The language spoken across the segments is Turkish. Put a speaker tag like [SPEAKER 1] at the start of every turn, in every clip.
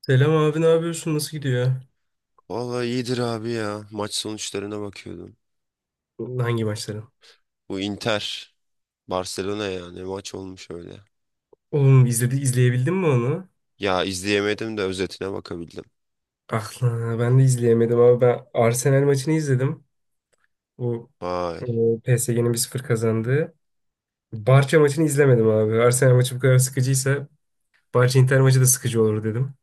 [SPEAKER 1] Selam abi ne yapıyorsun? Nasıl gidiyor?
[SPEAKER 2] Vallahi iyidir abi ya. Maç sonuçlarına bakıyordum.
[SPEAKER 1] Hangi maçları?
[SPEAKER 2] Bu Inter, Barcelona ya ne maç olmuş öyle.
[SPEAKER 1] Oğlum izledi, izleyebildin mi onu?
[SPEAKER 2] Ya izleyemedim de özetine bakabildim.
[SPEAKER 1] Ah lan, ben de izleyemedim ama ben Arsenal maçını izledim. Bu
[SPEAKER 2] Vay.
[SPEAKER 1] PSG'nin 1-0 kazandığı. Barça maçını izlemedim abi. Arsenal maçı bu kadar sıkıcıysa Barça Inter maçı da sıkıcı olur dedim.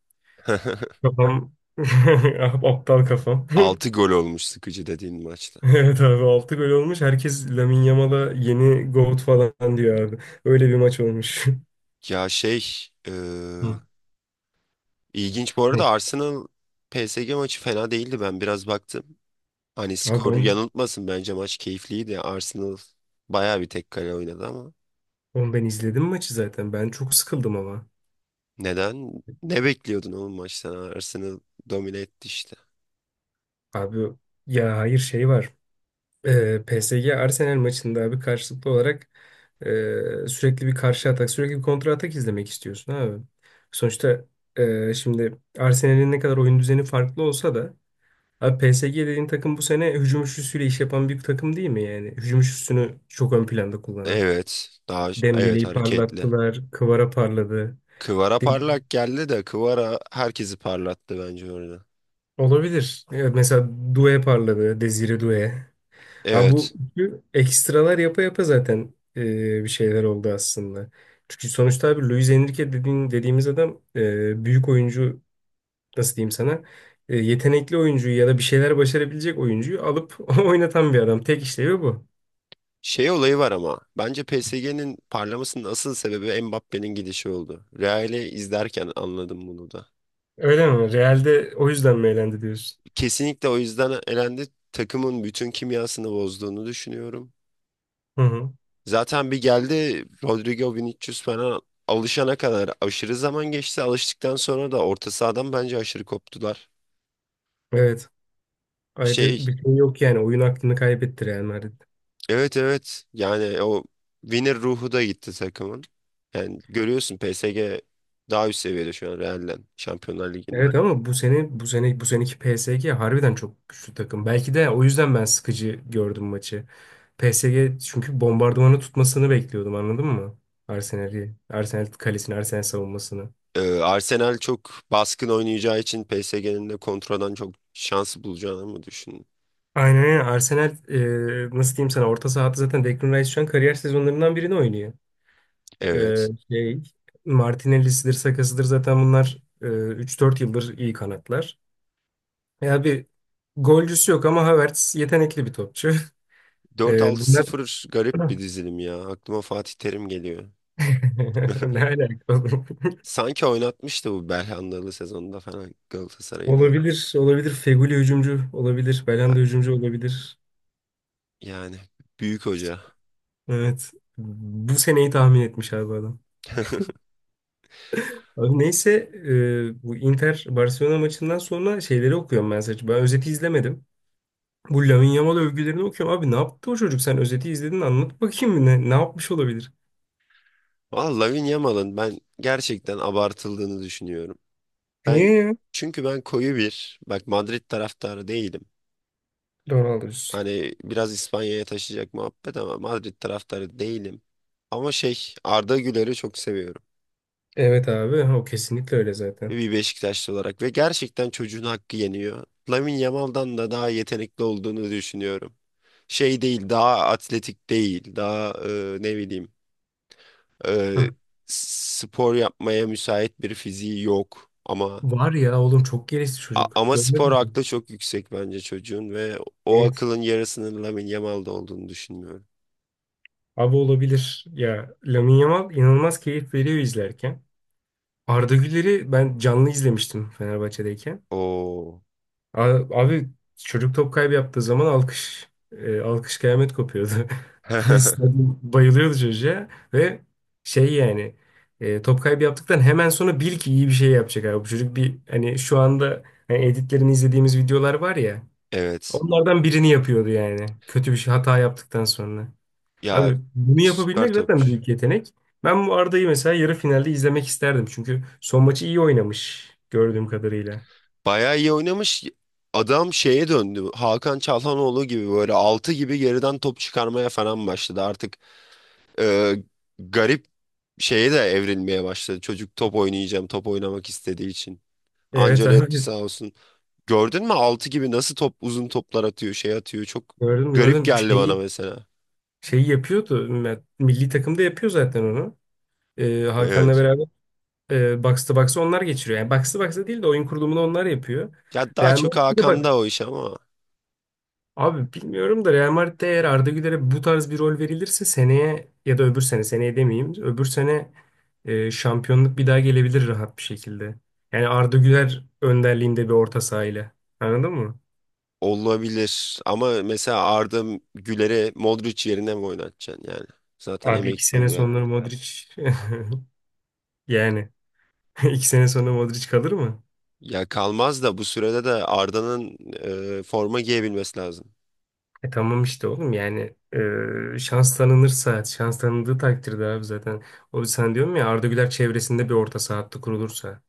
[SPEAKER 1] Kafam Ah, aptal kafam.
[SPEAKER 2] Altı gol olmuş sıkıcı dediğin maçta.
[SPEAKER 1] Evet abi 6 gol olmuş. Herkes Lamine Yamal'a yeni GOAT falan diyor abi. Öyle bir maç olmuş.
[SPEAKER 2] Ya e,
[SPEAKER 1] Hı.
[SPEAKER 2] ilginç bu arada Arsenal PSG maçı fena değildi, ben biraz baktım. Hani
[SPEAKER 1] Abi
[SPEAKER 2] skor
[SPEAKER 1] ben
[SPEAKER 2] yanıltmasın, bence maç keyifliydi. Arsenal bayağı bir tek kale oynadı ama
[SPEAKER 1] Oğlum ben izledim maçı zaten. Ben çok sıkıldım ama.
[SPEAKER 2] neden? Ne bekliyordun oğlum maçtan? Arsenal domine etti işte.
[SPEAKER 1] Abi ya hayır şey var. PSG Arsenal maçında abi karşılıklı olarak sürekli bir karşı atak, sürekli bir kontra atak izlemek istiyorsun abi. Sonuçta şimdi Arsenal'in ne kadar oyun düzeni farklı olsa da abi PSG dediğin takım bu sene hücum üçlüsüyle iş yapan bir takım değil mi yani? Hücum üçlüsünü çok ön planda kullanan.
[SPEAKER 2] Evet. Daha evet
[SPEAKER 1] Dembele'yi
[SPEAKER 2] hareketli.
[SPEAKER 1] parlattılar, Kvara parladı.
[SPEAKER 2] Kıvara
[SPEAKER 1] De-
[SPEAKER 2] parlak geldi de Kıvara herkesi parlattı bence orada.
[SPEAKER 1] Olabilir. Evet, mesela Doué parladı, Desire Doué. Ha
[SPEAKER 2] Evet.
[SPEAKER 1] bu ekstralar yapa yapa zaten bir şeyler oldu aslında. Çünkü sonuçta abi Luis Enrique dediğin, dediğimiz adam büyük oyuncu nasıl diyeyim sana yetenekli oyuncuyu ya da bir şeyler başarabilecek oyuncuyu alıp oynatan bir adam. Tek işlevi bu.
[SPEAKER 2] Şey olayı var ama bence PSG'nin parlamasının asıl sebebi Mbappe'nin gidişi oldu. Real'i izlerken anladım bunu da.
[SPEAKER 1] Öyle mi? Real'de o yüzden mi eğlendi diyorsun?
[SPEAKER 2] Kesinlikle o yüzden elendi. Takımın bütün kimyasını bozduğunu düşünüyorum.
[SPEAKER 1] Hı hı.
[SPEAKER 2] Zaten bir geldi Rodrigo Vinicius falan, alışana kadar aşırı zaman geçti. Alıştıktan sonra da orta sahadan bence aşırı koptular.
[SPEAKER 1] Evet. Ayrı
[SPEAKER 2] Şey
[SPEAKER 1] bir şey yok yani. Oyun aklını kaybetti Real Madrid.
[SPEAKER 2] Evet, evet. Yani o winner ruhu da gitti takımın. Yani görüyorsun PSG daha üst seviyede şu an Real'den Şampiyonlar Ligi'nde.
[SPEAKER 1] Evet ama bu seneki PSG harbiden çok güçlü takım. Belki de o yüzden ben sıkıcı gördüm maçı. PSG çünkü bombardımanı tutmasını bekliyordum anladın mı? Arsenal'i, Arsenal kalesini, Arsenal savunmasını.
[SPEAKER 2] Arsenal çok baskın oynayacağı için PSG'nin de kontradan çok şansı bulacağını mı düşündün?
[SPEAKER 1] Aynen öyle. Arsenal nasıl diyeyim sana orta sahada zaten Declan Rice şu an kariyer sezonlarından birini oynuyor. E,
[SPEAKER 2] Evet.
[SPEAKER 1] şey Martinelli'sidir, Saka'sıdır zaten bunlar 3-4 yıldır iyi kanatlar. Ya bir golcüsü yok ama Havertz yetenekli bir topçu.
[SPEAKER 2] Dört
[SPEAKER 1] E,
[SPEAKER 2] altı
[SPEAKER 1] bunlar
[SPEAKER 2] sıfır garip bir dizilim ya. Aklıma Fatih Terim geliyor.
[SPEAKER 1] Ne alaka oğlum?
[SPEAKER 2] Sanki oynatmıştı bu Belhandalı sezonunda falan Galatasaray'da.
[SPEAKER 1] Olabilir, olabilir. Feguli hücumcu olabilir. Belhanda hücumcu olabilir.
[SPEAKER 2] Yani büyük hoca.
[SPEAKER 1] Evet. Bu seneyi tahmin etmiş abi adam. Abi neyse bu Inter Barcelona maçından sonra şeyleri okuyorum ben sadece. Ben özeti izlemedim. Bu Lamine Yamal övgülerini okuyorum. Abi ne yaptı o çocuk? Sen özeti izledin anlat bakayım ne yapmış olabilir?
[SPEAKER 2] Valla Lamine Yamal'ın ben gerçekten abartıldığını düşünüyorum. Ben
[SPEAKER 1] Niye ya?
[SPEAKER 2] çünkü ben koyu bir bak Madrid taraftarı değilim.
[SPEAKER 1] Doğru alıyorsun.
[SPEAKER 2] Hani biraz İspanya'ya taşıyacak muhabbet ama Madrid taraftarı değilim. Ama Arda Güler'i çok seviyorum.
[SPEAKER 1] Evet abi o kesinlikle öyle zaten.
[SPEAKER 2] Bir Beşiktaşlı olarak ve gerçekten çocuğun hakkı yeniyor. Lamine Yamal'dan da daha yetenekli olduğunu düşünüyorum. Şey değil, daha atletik değil, daha ne bileyim,
[SPEAKER 1] Hı.
[SPEAKER 2] e, spor yapmaya müsait bir fiziği yok. Ama
[SPEAKER 1] Var ya oğlum çok gelişti
[SPEAKER 2] A-
[SPEAKER 1] çocuk.
[SPEAKER 2] Ama
[SPEAKER 1] Görmedin
[SPEAKER 2] spor
[SPEAKER 1] mi?
[SPEAKER 2] aklı çok yüksek bence çocuğun ve o
[SPEAKER 1] Evet.
[SPEAKER 2] akılın yarısının Lamine Yamal'da olduğunu düşünmüyorum.
[SPEAKER 1] Abi olabilir. Ya Lamine Yamal inanılmaz keyif veriyor izlerken. Arda Güler'i ben canlı izlemiştim Fenerbahçe'deyken.
[SPEAKER 2] Oo.
[SPEAKER 1] A- Abi çocuk top kaybı yaptığı zaman alkış kıyamet kopuyordu. Stadyum bayılıyordu çocuğa ve şey yani top kaybı yaptıktan hemen sonra bil ki iyi bir şey yapacak abi. Bu çocuk bir hani şu anda hani editlerini izlediğimiz videolar var ya
[SPEAKER 2] Evet.
[SPEAKER 1] onlardan birini yapıyordu yani. Kötü bir şey hata yaptıktan sonra.
[SPEAKER 2] Ya
[SPEAKER 1] Abi bunu
[SPEAKER 2] süper
[SPEAKER 1] yapabilmek zaten
[SPEAKER 2] topçu.
[SPEAKER 1] büyük yetenek. Ben bu Arda'yı mesela yarı finalde izlemek isterdim. Çünkü son maçı iyi oynamış gördüğüm kadarıyla.
[SPEAKER 2] Bayağı iyi oynamış. Adam şeye döndü. Hakan Çalhanoğlu gibi böyle altı gibi geriden top çıkarmaya falan başladı. Artık e, garip şeye de evrilmeye başladı. Çocuk top oynayacağım, top oynamak istediği için.
[SPEAKER 1] Evet
[SPEAKER 2] Ancelotti sağ
[SPEAKER 1] abi
[SPEAKER 2] olsun. Gördün mü 6 gibi nasıl top uzun toplar atıyor, şey atıyor. Çok
[SPEAKER 1] gördüm
[SPEAKER 2] garip
[SPEAKER 1] gördüm.
[SPEAKER 2] geldi bana
[SPEAKER 1] Şey,
[SPEAKER 2] mesela.
[SPEAKER 1] şeyi yapıyordu. Milli takımda yapıyor zaten onu. Hakan'la
[SPEAKER 2] Evet.
[SPEAKER 1] beraber box to box'ı onlar geçiriyor. Yani box to box'ı değil de oyun kurulumunu onlar yapıyor.
[SPEAKER 2] Ya daha
[SPEAKER 1] Real
[SPEAKER 2] çok
[SPEAKER 1] Madrid'de bak.
[SPEAKER 2] Hakan'da o iş ama
[SPEAKER 1] Abi bilmiyorum da Real Madrid'de eğer Arda Güler'e bu tarz bir rol verilirse seneye ya da öbür sene seneye demeyeyim öbür sene şampiyonluk bir daha gelebilir rahat bir şekilde. Yani Arda Güler önderliğinde bir orta sahayla. Anladın mı?
[SPEAKER 2] olabilir. Ama mesela Arda Güler'e Modric yerine mi oynatacaksın yani? Zaten
[SPEAKER 1] Abi iki
[SPEAKER 2] emekli
[SPEAKER 1] sene
[SPEAKER 2] oluyor
[SPEAKER 1] sonra
[SPEAKER 2] herhalde.
[SPEAKER 1] Modric yani iki sene sonra Modric kalır mı?
[SPEAKER 2] Ya kalmaz da bu sürede de Arda'nın forma giyebilmesi lazım.
[SPEAKER 1] Tamam işte oğlum yani şans tanınırsa şans tanındığı takdirde abi zaten. O sen diyorum ya Arda Güler çevresinde bir orta saha hattı kurulursa.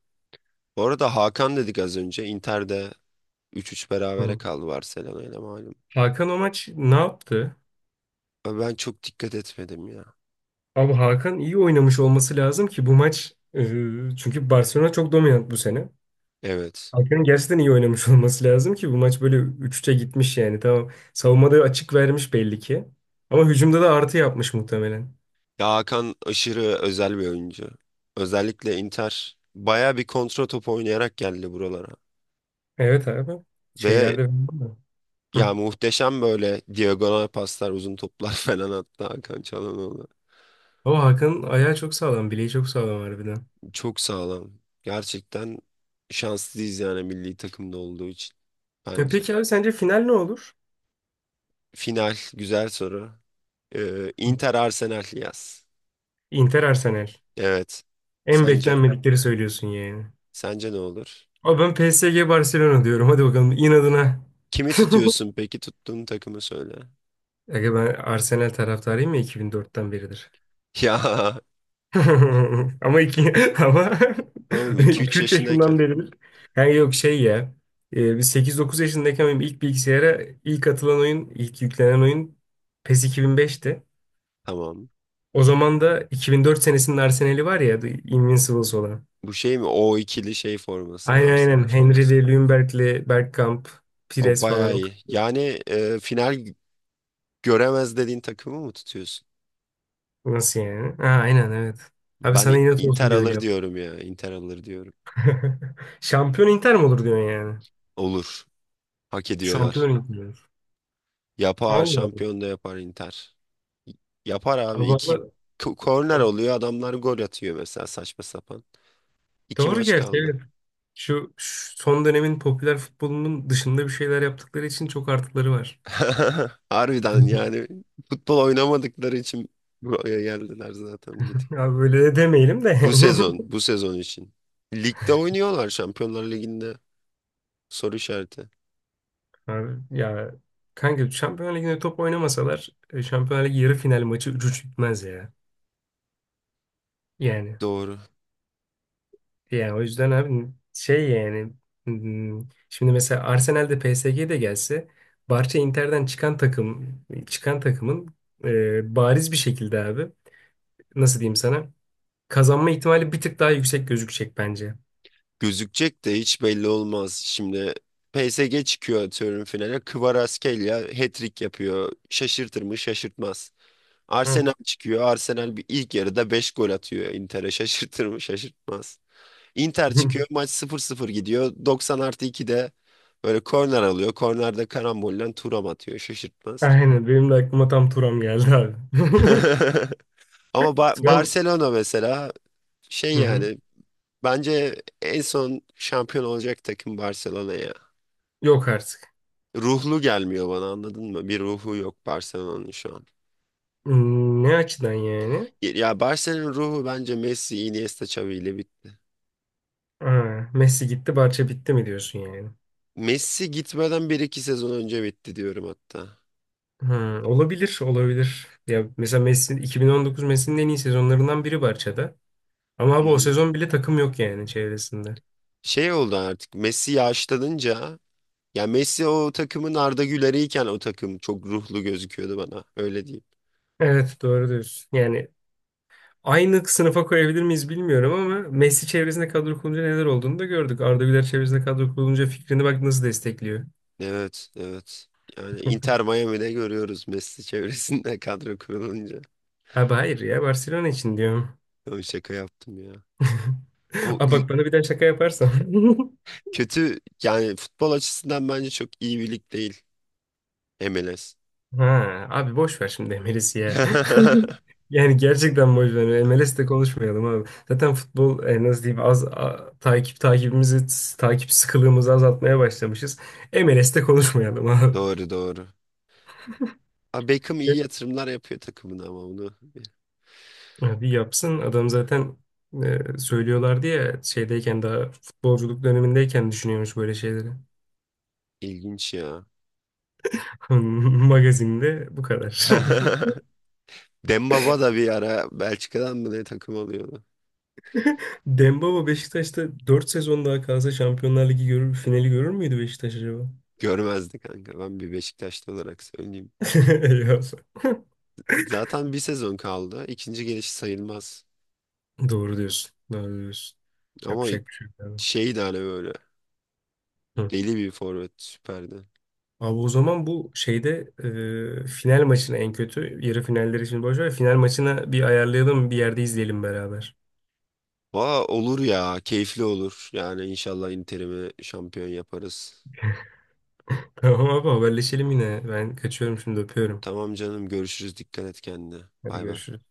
[SPEAKER 2] Bu arada Hakan dedik az önce. Inter'de 3-3 berabere
[SPEAKER 1] Hı.
[SPEAKER 2] kaldı Barcelona ile, malum.
[SPEAKER 1] Hakan o maç ne yaptı?
[SPEAKER 2] Ama ben çok dikkat etmedim ya.
[SPEAKER 1] Abi Hakan iyi oynamış olması lazım ki bu maç çünkü Barcelona çok dominant bu sene.
[SPEAKER 2] Evet.
[SPEAKER 1] Hakan'ın gerçekten iyi oynamış olması lazım ki bu maç böyle 3-3'e gitmiş yani. Tamam savunmada açık vermiş belli ki. Ama hücumda da artı yapmış muhtemelen.
[SPEAKER 2] Ya Hakan aşırı özel bir oyuncu. Özellikle Inter baya bir kontra top oynayarak geldi buralara.
[SPEAKER 1] Evet abi.
[SPEAKER 2] Ve
[SPEAKER 1] Şeylerde Hı.
[SPEAKER 2] ya muhteşem böyle diagonal paslar, uzun toplar falan attı Hakan Çalhanoğlu.
[SPEAKER 1] Ama Hakan'ın ayağı çok sağlam, bileği çok sağlam harbiden.
[SPEAKER 2] Çok sağlam. Gerçekten şanslıyız yani milli takımda olduğu için
[SPEAKER 1] Ya
[SPEAKER 2] bence.
[SPEAKER 1] peki abi sence final ne olur?
[SPEAKER 2] Final güzel soru.
[SPEAKER 1] Hı.
[SPEAKER 2] Inter Arsenal yaz.
[SPEAKER 1] Inter Arsenal.
[SPEAKER 2] Evet.
[SPEAKER 1] En
[SPEAKER 2] Sence?
[SPEAKER 1] beklenmedikleri söylüyorsun yani.
[SPEAKER 2] Sence ne olur?
[SPEAKER 1] Abi ben PSG Barcelona diyorum. Hadi bakalım inadına.
[SPEAKER 2] Kimi tutuyorsun peki? Tuttuğun takımı söyle.
[SPEAKER 1] Aga ben Arsenal taraftarıyım ya 2004'ten beridir.
[SPEAKER 2] Ya,
[SPEAKER 1] Ama iki ama
[SPEAKER 2] tamam, iki üç
[SPEAKER 1] 2-3
[SPEAKER 2] yaşındayken.
[SPEAKER 1] yaşından beridir. Yani yok şey ya. Biz 8-9 yaşındayken benim ilk bilgisayara ilk atılan oyun, ilk yüklenen oyun PES 2005'ti.
[SPEAKER 2] Tamam.
[SPEAKER 1] O zaman da 2004 senesinin Arsenal'i var ya The Invincibles olan.
[SPEAKER 2] Bu şey mi? O ikili şey forması.
[SPEAKER 1] Aynen aynen.
[SPEAKER 2] Arsenal forması.
[SPEAKER 1] Henry'li, Ljungberg'li, Bergkamp,
[SPEAKER 2] O
[SPEAKER 1] Pires falan.
[SPEAKER 2] bayağı
[SPEAKER 1] O
[SPEAKER 2] iyi.
[SPEAKER 1] kadar.
[SPEAKER 2] Yani final göremez dediğin takımı mı tutuyorsun?
[SPEAKER 1] Nasıl yani? Ha, aynen evet. Abi
[SPEAKER 2] Ben
[SPEAKER 1] sana inat
[SPEAKER 2] Inter
[SPEAKER 1] olsun diye öyle
[SPEAKER 2] alır
[SPEAKER 1] yap.
[SPEAKER 2] diyorum ya. Inter alır diyorum.
[SPEAKER 1] Şampiyon Inter mi olur diyorsun yani?
[SPEAKER 2] Olur. Hak
[SPEAKER 1] Şampiyon
[SPEAKER 2] ediyorlar.
[SPEAKER 1] yapıyor.
[SPEAKER 2] Yapar.
[SPEAKER 1] Allah Allah.
[SPEAKER 2] Şampiyon da yapar Inter. Yapar abi. İki
[SPEAKER 1] Havalı.
[SPEAKER 2] korner oluyor. Adamlar gol atıyor mesela saçma sapan. İki
[SPEAKER 1] Doğru
[SPEAKER 2] maç
[SPEAKER 1] gerçi
[SPEAKER 2] kaldı.
[SPEAKER 1] evet. Şu son dönemin popüler futbolunun dışında bir şeyler yaptıkları için çok artıları var.
[SPEAKER 2] Harbiden yani futbol oynamadıkları için buraya geldiler zaten.
[SPEAKER 1] Ya böyle de demeyelim de
[SPEAKER 2] Bu
[SPEAKER 1] yani.
[SPEAKER 2] sezon, bu sezon için. Ligde oynuyorlar Şampiyonlar Ligi'nde. Soru işareti.
[SPEAKER 1] Abi, ya kanka Şampiyon Ligi'nde top oynamasalar Şampiyon Ligi yarı final maçı 3-3 bitmez ya. Yani.
[SPEAKER 2] Doğru.
[SPEAKER 1] Yani o yüzden abi şey yani şimdi mesela Arsenal'de PSG'de gelse Barça Inter'den çıkan takımın bariz bir şekilde abi nasıl diyeyim sana? Kazanma ihtimali bir tık daha yüksek gözükecek bence.
[SPEAKER 2] Gözükecek de hiç belli olmaz. Şimdi PSG çıkıyor atıyorum finale. Kvaratskhelia hat-trick yapıyor. Şaşırtır mı? Şaşırtmaz.
[SPEAKER 1] Evet.
[SPEAKER 2] Arsenal çıkıyor. Arsenal bir ilk yarıda 5 gol atıyor Inter'e. Şaşırtır mı? Şaşırtmaz. Inter çıkıyor. Maç sıfır sıfır gidiyor. Doksan artı 2'de böyle korner alıyor. Kornerde karambolle Thuram atıyor. Şaşırtmaz.
[SPEAKER 1] Aynen benim de aklıma tam Turam geldi abi.
[SPEAKER 2] Ama
[SPEAKER 1] Turam
[SPEAKER 2] Barcelona mesela.
[SPEAKER 1] hı hı.
[SPEAKER 2] Yani bence en son şampiyon olacak takım Barcelona ya.
[SPEAKER 1] Yok artık.
[SPEAKER 2] Ruhlu gelmiyor bana, anladın mı? Bir ruhu yok Barcelona'nın şu an.
[SPEAKER 1] Ne açıdan yani?
[SPEAKER 2] Ya Barcelona'nın ruhu bence Messi, Iniesta, Xavi ile bit.
[SPEAKER 1] Ha, Messi gitti, Barça bitti mi diyorsun yani?
[SPEAKER 2] Messi gitmeden bir iki sezon önce bitti diyorum hatta.
[SPEAKER 1] Hı, olabilir, olabilir. Ya mesela Messi 2019 Messi'nin en iyi sezonlarından biri Barça'da. Ama
[SPEAKER 2] Hı
[SPEAKER 1] abi o
[SPEAKER 2] hı.
[SPEAKER 1] sezon bile takım yok yani çevresinde.
[SPEAKER 2] Şey oldu artık Messi yaşlanınca, ya Messi o takımın Arda Güler'iyken o takım çok ruhlu gözüküyordu bana, öyle diyeyim.
[SPEAKER 1] Evet doğru diyorsun. Yani aynı sınıfa koyabilir miyiz bilmiyorum ama Messi çevresinde kadro kurulunca neler olduğunu da gördük. Arda Güler çevresinde kadro kurulunca fikrini bak nasıl destekliyor.
[SPEAKER 2] Evet, evet, yani Inter Miami'de görüyoruz Messi çevresinde kadro kurulunca.
[SPEAKER 1] Abi hayır ya Barcelona için diyorum.
[SPEAKER 2] Yo, şaka yaptım ya. O
[SPEAKER 1] Aa
[SPEAKER 2] l-
[SPEAKER 1] bak bana bir daha şaka yaparsan.
[SPEAKER 2] Kötü yani futbol açısından bence çok iyi bir lig değil MLS.
[SPEAKER 1] Ha abi boş ver şimdi MLS'i ya. Yani gerçekten boş ver. MLS'te konuşmayalım abi. Zaten futbol nasıl diyeyim az takip sıkılığımızı azaltmaya başlamışız. MLS'te konuşmayalım abi.
[SPEAKER 2] Doğru, doğru. Ha, Beckham iyi yatırımlar yapıyor takımına ama onu
[SPEAKER 1] Ya bir yapsın adam zaten söylüyorlardı ya şeydeyken daha futbolculuk dönemindeyken düşünüyormuş böyle şeyleri.
[SPEAKER 2] ilginç ya.
[SPEAKER 1] Magazinde bu kadar.
[SPEAKER 2] Dembaba da bir ara Belçika'dan mı ne takım alıyordu.
[SPEAKER 1] Dembaba Beşiktaş'ta dört sezon daha kalsa Şampiyonlar Ligi görür, finali görür müydü Beşiktaş acaba?
[SPEAKER 2] Görmezdi kanka. Ben bir Beşiktaşlı olarak söyleyeyim.
[SPEAKER 1] Eyvah.
[SPEAKER 2] Zaten bir sezon kaldı. İkinci gelişi sayılmaz.
[SPEAKER 1] Doğru diyorsun. Doğru diyorsun.
[SPEAKER 2] Ama
[SPEAKER 1] Yapacak bir şey yok abi.
[SPEAKER 2] şeydi hani böyle
[SPEAKER 1] Hı.
[SPEAKER 2] deli bir forvet, süperdi.
[SPEAKER 1] Abi o zaman bu şeyde final maçına en kötü yarı finalleri için boş ver. Final maçına bir ayarlayalım bir yerde izleyelim beraber.
[SPEAKER 2] Valla olur ya, keyifli olur. Yani inşallah Inter'imi şampiyon yaparız.
[SPEAKER 1] Tamam abi haberleşelim yine. Ben kaçıyorum şimdi öpüyorum.
[SPEAKER 2] Tamam canım, görüşürüz. Dikkat et kendine.
[SPEAKER 1] Hadi
[SPEAKER 2] Bay bay.
[SPEAKER 1] görüşürüz.